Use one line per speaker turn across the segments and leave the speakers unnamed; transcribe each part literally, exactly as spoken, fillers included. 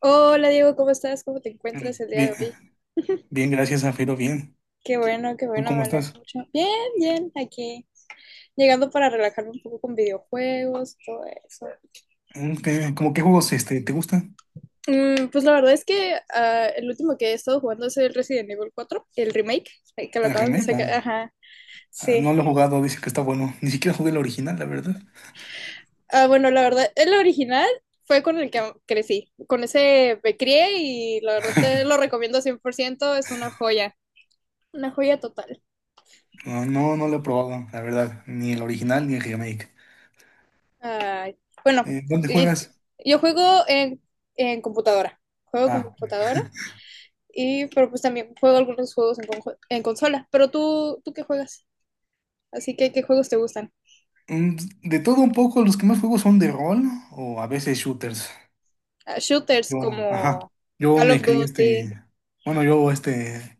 Hola Diego, ¿cómo estás? ¿Cómo te encuentras
Mm.
el día de hoy?
Bien, bien, gracias, Zafiro, bien.
Qué bueno, qué
¿Tú
bueno, me
cómo
alegra
estás?
mucho. Bien, bien, aquí llegando para relajarme un poco con videojuegos, todo eso.
Mm, ¿Qué, como qué juegos este, te gustan?
Mm, pues la verdad es que ah, el último que he estado jugando es el Resident Evil cuatro, el remake, eh, que lo
¿A
acaban de
Remake?
sacar.
Ah,
Ajá,
ah, no
sí.
lo he jugado, dice que está bueno. Ni siquiera jugué el original, la verdad.
Ah, bueno, la verdad, el original fue con el que crecí, con ese me crié y la verdad te lo recomiendo cien por ciento, es una joya, una joya total.
No, no, no lo he probado, la verdad. Ni el original ni el remake.
Ay, bueno,
Eh, ¿dónde
y-
juegas?
yo juego en, en computadora. Juego con
Ah,
computadora y pero pues también juego algunos juegos en, conjo- en consola. Pero tú, ¿tú qué juegas? Así que, ¿qué juegos te gustan?
mm, de todo un poco, los que más juego son de rol o a veces shooters.
Ah, shooters
Yo, ajá,
como
yo
Call
me
of
crié
Duty.
este... Bueno, yo este...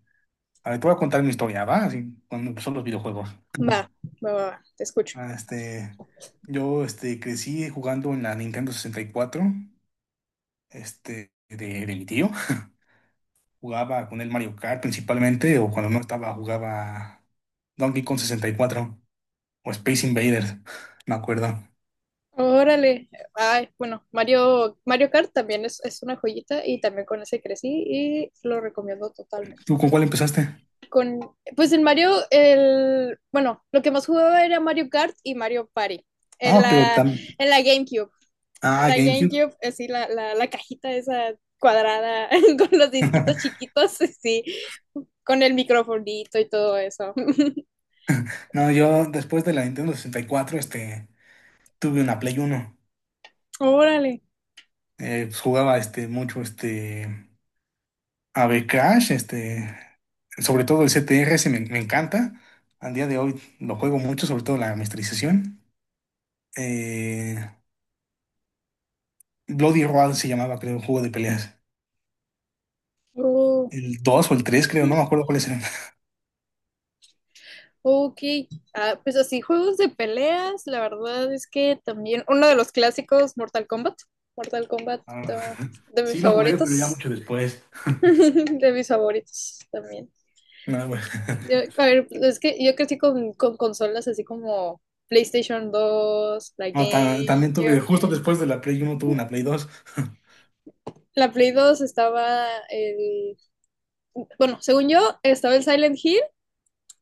A ver, te voy a contar mi historia, ¿va? Así, cuando empezó los videojuegos.
Va, va, va, va, te escucho.
Ah, Este, yo este, crecí jugando en la Nintendo sesenta y cuatro este, de, de mi tío. Jugaba con el Mario Kart principalmente, o cuando no estaba, jugaba Donkey Kong sesenta y cuatro o Space Invaders, me acuerdo.
Órale. Ay, bueno, Mario, Mario Kart también es, es una joyita y también con ese crecí y lo recomiendo totalmente.
¿Tú con cuál empezaste?
Con, pues en Mario, el, bueno, lo que más jugaba era Mario Kart y Mario Party en
Ah, pero
la,
tam-
en la GameCube. En
Ah,
la
GameCube.
GameCube, así la, la, la cajita esa cuadrada con los disquitos chiquitos, sí, con el microfonito y todo eso.
No, yo después de la Nintendo sesenta y cuatro este, tuve una Play Uno.
Órale.
Eh, pues, jugaba este, mucho este. A B Crash, este, sobre todo el C T R, ese me, me encanta. Al día de hoy lo juego mucho, sobre todo la masterización. Eh, Bloody Roar se llamaba, creo, un juego de peleas.
Oh,
El dos o el tres, creo,
ujú.
no me acuerdo cuáles eran.
Ok, ah, pues así, juegos de peleas, la verdad es que también uno de los clásicos, Mortal Kombat. Mortal Kombat,
Ah,
ah, de mis
sí lo jugué, pero ya
favoritos,
mucho después.
de mis favoritos también.
No, bueno.
Yo, a ver, es que yo crecí con, con consolas así como PlayStation dos la
No, ta- también tuve,
GameCube.
justo después de la Play Uno tuve una Play Dos.
La Play dos estaba el... Bueno, según yo, estaba el Silent Hill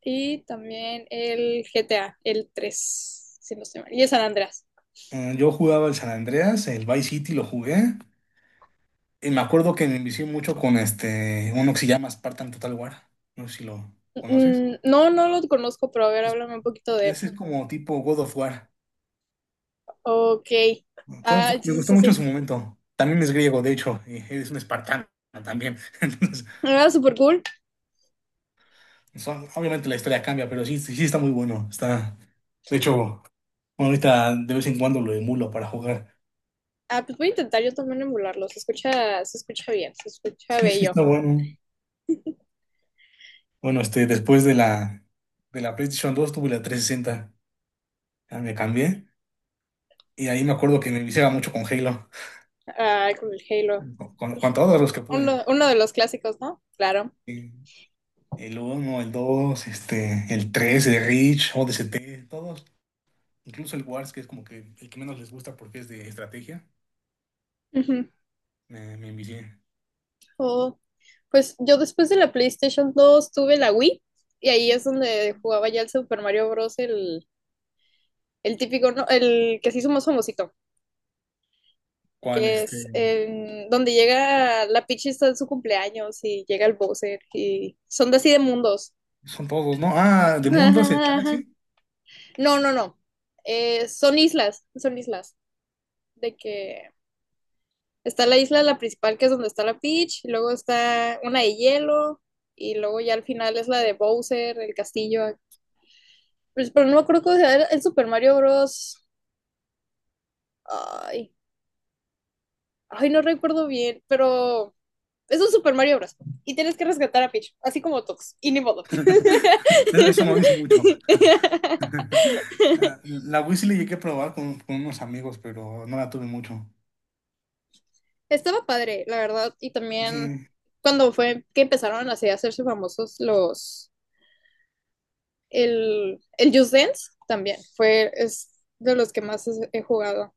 y también el G T A, el tres si no estoy mal, y el San Andreas.
Eh, Yo jugaba el San Andreas, el Vice City lo jugué. Y me acuerdo que me envicié mucho con este, uno que se llama Spartan Total War. No sé si lo conoces.
Mm, no, no lo conozco, pero a ver, háblame un poquito de él.
Ese es como tipo God of War.
Ok.
Fue
Ah,
fue-
sí,
me
sí,
gustó
sí.
mucho en
Sí,
su momento. También es griego, de hecho, y es un espartano también. Entonces,
era súper cool.
son- obviamente la historia cambia, pero sí, sí sí está muy bueno. Está, de hecho, ahorita de vez en cuando lo emulo para jugar.
Ah, pues voy a intentar yo también emularlo. Se escucha, se escucha bien, se escucha
Sí, sí
bello.
está bueno. Bueno, este, después de la, de la PlayStation dos tuve la trescientos sesenta. Ya me cambié. Y ahí me acuerdo que me viciaba mucho con Halo.
Ay, con el Halo.
Con,
Pues,
con todos los que pude.
Uno, uno de los clásicos, ¿no? Claro.
Y el uno, el dos, este, el tres, el Reach, o D S T, todos. Incluso el Wars, que es como que el que menos les gusta porque es de estrategia,
Ujú.
me, me envicié.
Oh, pues yo después de la PlayStation dos tuve la Wii y ahí es donde jugaba ya el Super Mario Bros., el El típico, ¿no? El que se hizo más famosito,
¿Cuál
que
este?
es em, donde llega la Peach, está en su cumpleaños y llega el Bowser y son de así de mundos.
Son todos, ¿no? Ah, de Mundos, el
Ajá, ajá.
Galaxy.
No, no, no. Eh, son islas, son islas. De que está la isla, la principal, que es donde está la Peach, y luego está una de hielo, y luego ya al final es la de Bowser, el castillo. Pues, pero no me acuerdo cómo se llama, el Super Mario Bros. Ay, ay, no recuerdo bien, pero es un Super Mario Bros. Y tienes que rescatar a Peach, así como Tox. Y ni modo.
Eso no dice mucho. Ah, la Wii sí le llegué a probar con, con unos amigos, pero no la tuve mucho.
Estaba padre, la verdad. Y también
Sí.
cuando fue que empezaron así a hacerse famosos los. El, el Just Dance también fue es de los que más he jugado.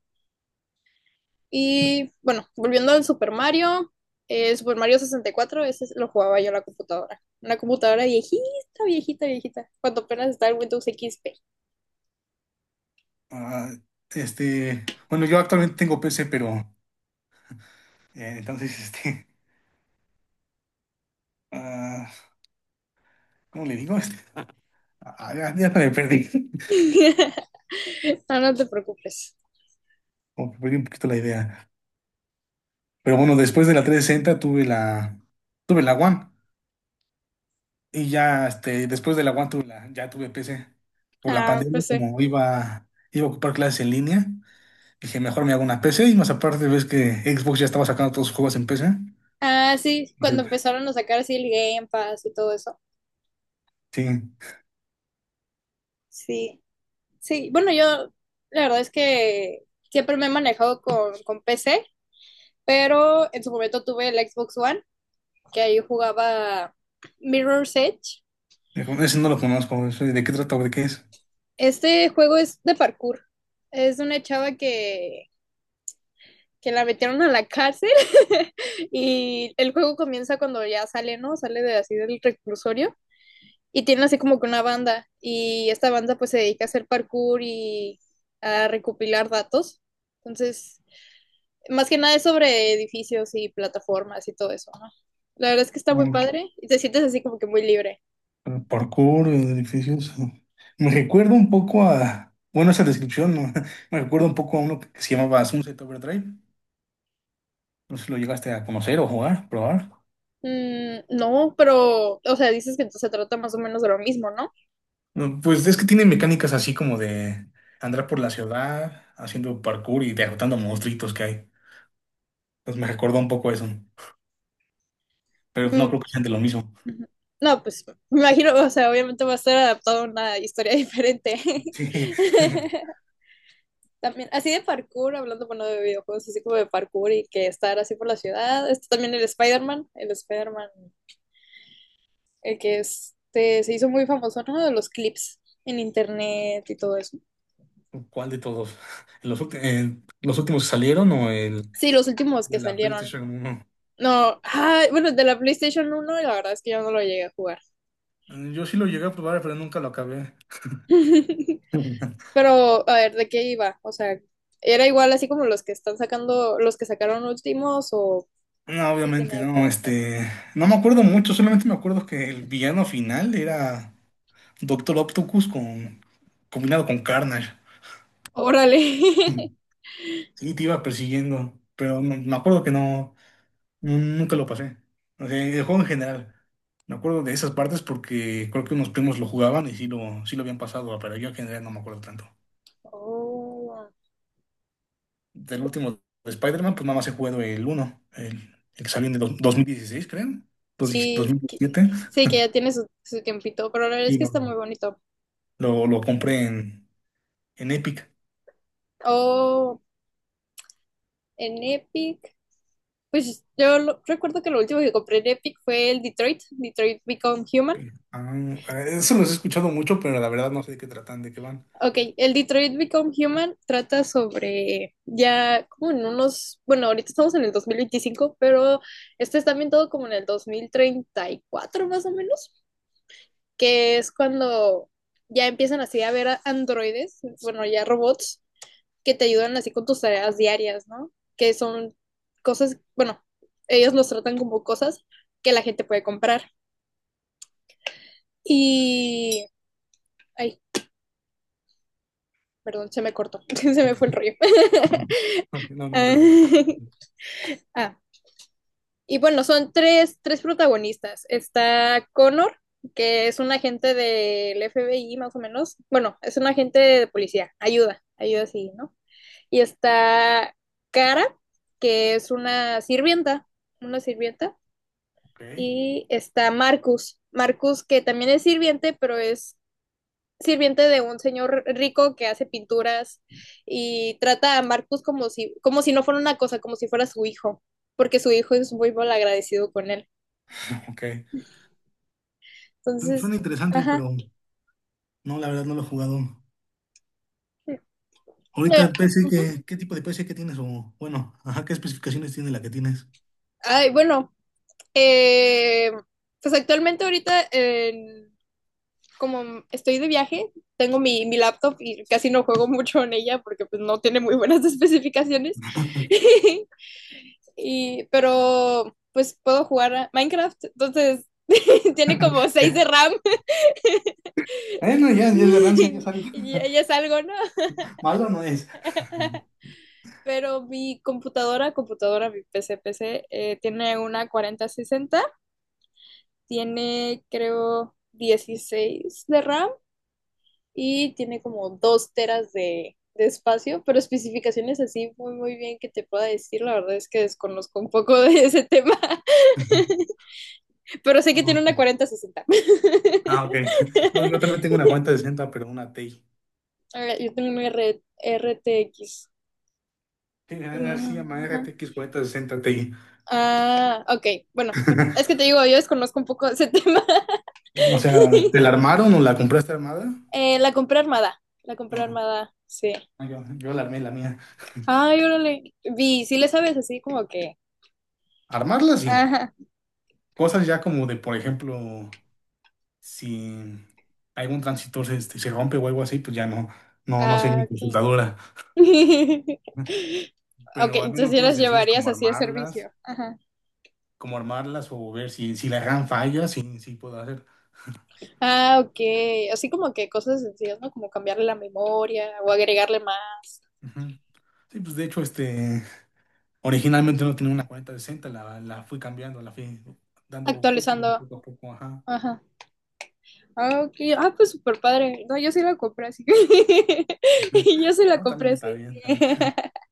Y bueno, volviendo al Super Mario, eh, Super Mario sesenta y cuatro, ese lo jugaba yo en la computadora. Una computadora viejita, viejita, viejita. Cuando apenas estaba el Windows X P.
ah, este, bueno, yo actualmente tengo P C, pero eh, entonces, este, ah, ¿cómo le digo? Este, ah, ya, ya me perdí.
No, no te preocupes.
Como que perdí un poquito la idea. Pero bueno, después de la trescientos sesenta tuve la, tuve la One. Y ya, este, después de la One tuve la, ya tuve P C. Por la
Ah,
pandemia,
pues sí.
como iba, iba a ocupar clases en línea, dije, mejor me hago una P C. Y más aparte, ves que Xbox ya estaba sacando todos sus juegos en P C.
Ah, sí,
Dije,
cuando empezaron a sacar así el Game Pass y todo eso.
sí,
Sí, sí. Bueno, yo la verdad es que siempre me he manejado con, con P C, pero en su momento tuve el Xbox One, que ahí jugaba Mirror's Edge.
mejor, ese no lo conozco. Ese, ¿de qué trata o de qué es?
Este juego es de parkour. Es una chava que, que la metieron a la cárcel y el juego comienza cuando ya sale, ¿no? Sale de así del reclusorio y tienen así como que una banda y esta banda pues se dedica a hacer parkour y a recopilar datos. Entonces, más que nada es sobre edificios y plataformas y todo eso, ¿no? La verdad es que está muy
Mm,
padre y te sientes así como que muy libre.
Parkour, edificios. Me recuerda un poco a, bueno, esa descripción, ¿no? Me recuerda un poco a uno que se llamaba Sunset Overdrive. No sé si lo llegaste a conocer o jugar, probar.
Mm, no, pero, o sea, dices que se trata más o menos de lo mismo, ¿no?
No, pues es que tiene mecánicas así como de andar por la ciudad haciendo parkour y derrotando monstruitos que hay. Pues me recordó un poco eso, pero no
Mm,
creo que sean de lo mismo.
ujú. No, pues me imagino, o sea, obviamente va a estar adaptado a una historia diferente.
Sí.
También, así de parkour, hablando, bueno, de videojuegos, así como de parkour y que estar así por la ciudad. Está también el Spider-Man, el Spider-Man, el que este, se hizo muy famoso, ¿no? De los clips en internet y todo eso.
¿Cuál de todos? ¿Los, ulti- eh, los últimos que salieron o el
Sí, los últimos
de
que
la
salieron.
PlayStation uno?
No, ah, bueno, de la PlayStation uno, la verdad es que yo no lo llegué a jugar.
Eh, Yo sí lo llegué a probar, pero nunca lo acabé.
Pero, a ver, ¿de qué iba? O sea, ¿era igual así como los que están sacando, los que sacaron últimos o
No,
qué
obviamente,
tenía
no,
diferente?
este, no me acuerdo mucho, solamente me acuerdo que el villano final era Doctor Octopus con, combinado con Carnage.
Órale.
Sí, te iba persiguiendo, pero no- me acuerdo que no, nu- nunca lo pasé. O sea, el juego en general. Me acuerdo de esas partes porque creo que unos primos lo jugaban y sí lo, sí lo habían pasado, pero yo en general no me acuerdo tanto.
Oh.
Del último de Spider-Man, pues nada más he jugado el uno el, el que salió en el do- dos- 2016, creo, dos-
Sí, que-
2017.
sí, que ya tiene su, su tiempito, pero la verdad es
Y
que
lo,
está muy bonito.
lo, lo compré en, en Epic.
Oh, en Epic, pues yo lo- recuerdo que lo último que compré en Epic fue el Detroit, Detroit Become Human.
Ah, eso los he escuchado mucho, pero la verdad no sé de qué tratan, de qué van.
Ok, el Detroit Become Human trata sobre ya como en unos, bueno, ahorita estamos en el dos mil veinticinco, pero este está ambientado como en el dos mil treinta y cuatro más o menos, que es cuando ya empiezan así a ver a androides, bueno, ya robots que te ayudan así con tus tareas diarias, ¿no? Que son cosas, bueno, ellos los tratan como cosas que la gente puede comprar. Y... Ay, perdón, se me cortó, se me fue el rollo.
No, no te preocupes.
ah, y bueno, son tres, tres protagonistas. Está Connor, que es un agente del F B I más o menos. Bueno, es un agente de policía, ayuda, ayuda sí, ¿no? Y está Cara, que es una sirvienta, una sirvienta.
Ok,
Y está Marcus. Marcus, que también es sirviente, pero es sirviente de un señor rico que hace pinturas y trata a Marcus como si, como si no fuera una cosa, como si fuera su hijo, porque su hijo es muy mal agradecido con él.
ok. Su- Suena
Entonces,
interesante,
ajá.
pero no, la verdad no lo he jugado. Ahorita
Eh,
de P C,
ujú.
¿qué, qué tipo de P C que tienes? O bueno, ajá, ¿qué especificaciones tiene la que tienes?
Ay, bueno, eh, pues actualmente ahorita, en- como estoy de viaje, tengo mi, mi laptop y casi no juego mucho en ella porque pues no tiene muy buenas especificaciones. Y, pero pues puedo jugar a Minecraft, entonces tiene como seis de
Ya.
RAM
Bueno, ya, ya es ganancia, ya sabes.
y ya es algo, ¿no?
Malo no es.
Pero mi computadora, computadora, mi P C, P C, eh, tiene una cuarenta sesenta, tiene creo dieciséis de RAM y tiene como dos teras de, de espacio, pero especificaciones así muy muy bien que te pueda decir, la verdad es que desconozco un poco de ese tema, pero sé
No,
que
ah,
tiene una
ok.
cuarenta sesenta.
Ah, ok. No, yo también tengo una cuarenta sesenta, pero una TI.
Ah, yo tengo una red R- RTX.
Sí, así llama
Ajá.
R T X cuarenta sesenta Ti.
Ah, ok. Bueno, es que te digo, yo desconozco un poco ese tema.
O sea, ¿te la armaron o la compraste armada?
Eh, la compré armada. La compré
No,
armada, sí.
no, yo, yo la armé la mía.
Ay, órale. Vi, sí le sabes así como que.
Armarla sí.
Ajá.
Cosas ya como de, por ejemplo. Si algún transistor este, se rompe o algo así, pues ya no, no, no sé
Ah,
mi
ok.
consultadora.
Ok,
Pero al menos
entonces ya
cosas
las
sencillas
llevarías
como
así a
armarlas,
servicio. Ajá.
como armarlas o ver si, si la RAM falla, sí, sí puedo hacer.
Ah, ok. Así como que cosas sencillas, ¿no? Como cambiarle la memoria o agregarle más,
Ujú. Sí, pues de hecho, este, originalmente no tenía una cuarenta sesenta, la, la fui cambiando, la fui dando upgrade
actualizando.
poco a poco, ajá.
Ajá. Ah, ok. Ah, pues súper padre. No, yo sí la compré así.
Ujú.
Yo sí la
No,
compré
también
así.
está bien, también.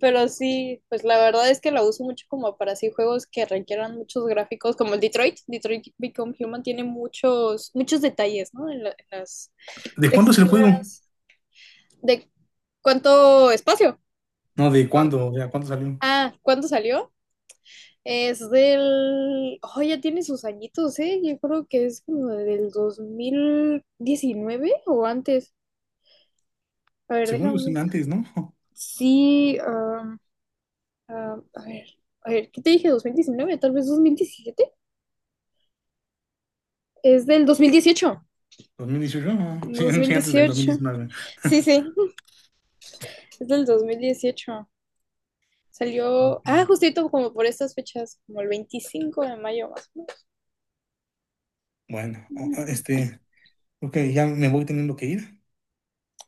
Pero sí, pues la verdad es que la uso mucho como para así juegos que requieran muchos gráficos, como el Detroit. Detroit Become Human tiene muchos, muchos detalles, ¿no? En, la- en las
¿De cuándo es el juego?
texturas. ¿De cuánto espacio?
No, ¿de cuándo? ¿De cuándo salió?
Ah, ¿cuándo salió? Es del... Oh, ya tiene sus añitos, ¿eh? Yo creo que es como del dos mil diecinueve o antes. A ver,
Según yo, sí,
déjame
antes, ¿no?
sí, am, am, a ver, a ver, ¿qué te dije? Dos mil diecinueve, tal vez dos mil diecisiete, es del dos dos mil dieciocho,
dos mil dieciocho, ajá. Sí,
dos mil
sí, antes del
dieciocho,
dos mil diecinueve.
sí, sí, es del dos mil dieciocho, salió,
Ok.
ah, justito como por estas fechas, como el veinticinco de mayo más
Bueno,
o
o-
menos.
o- este, ok, ya me voy teniendo que ir.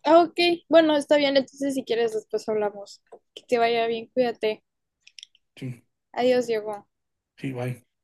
Ah, ok. Bueno, está bien, entonces si quieres después hablamos. Que te vaya bien, cuídate.
Sí,
Adiós, Diego.
sí, bye.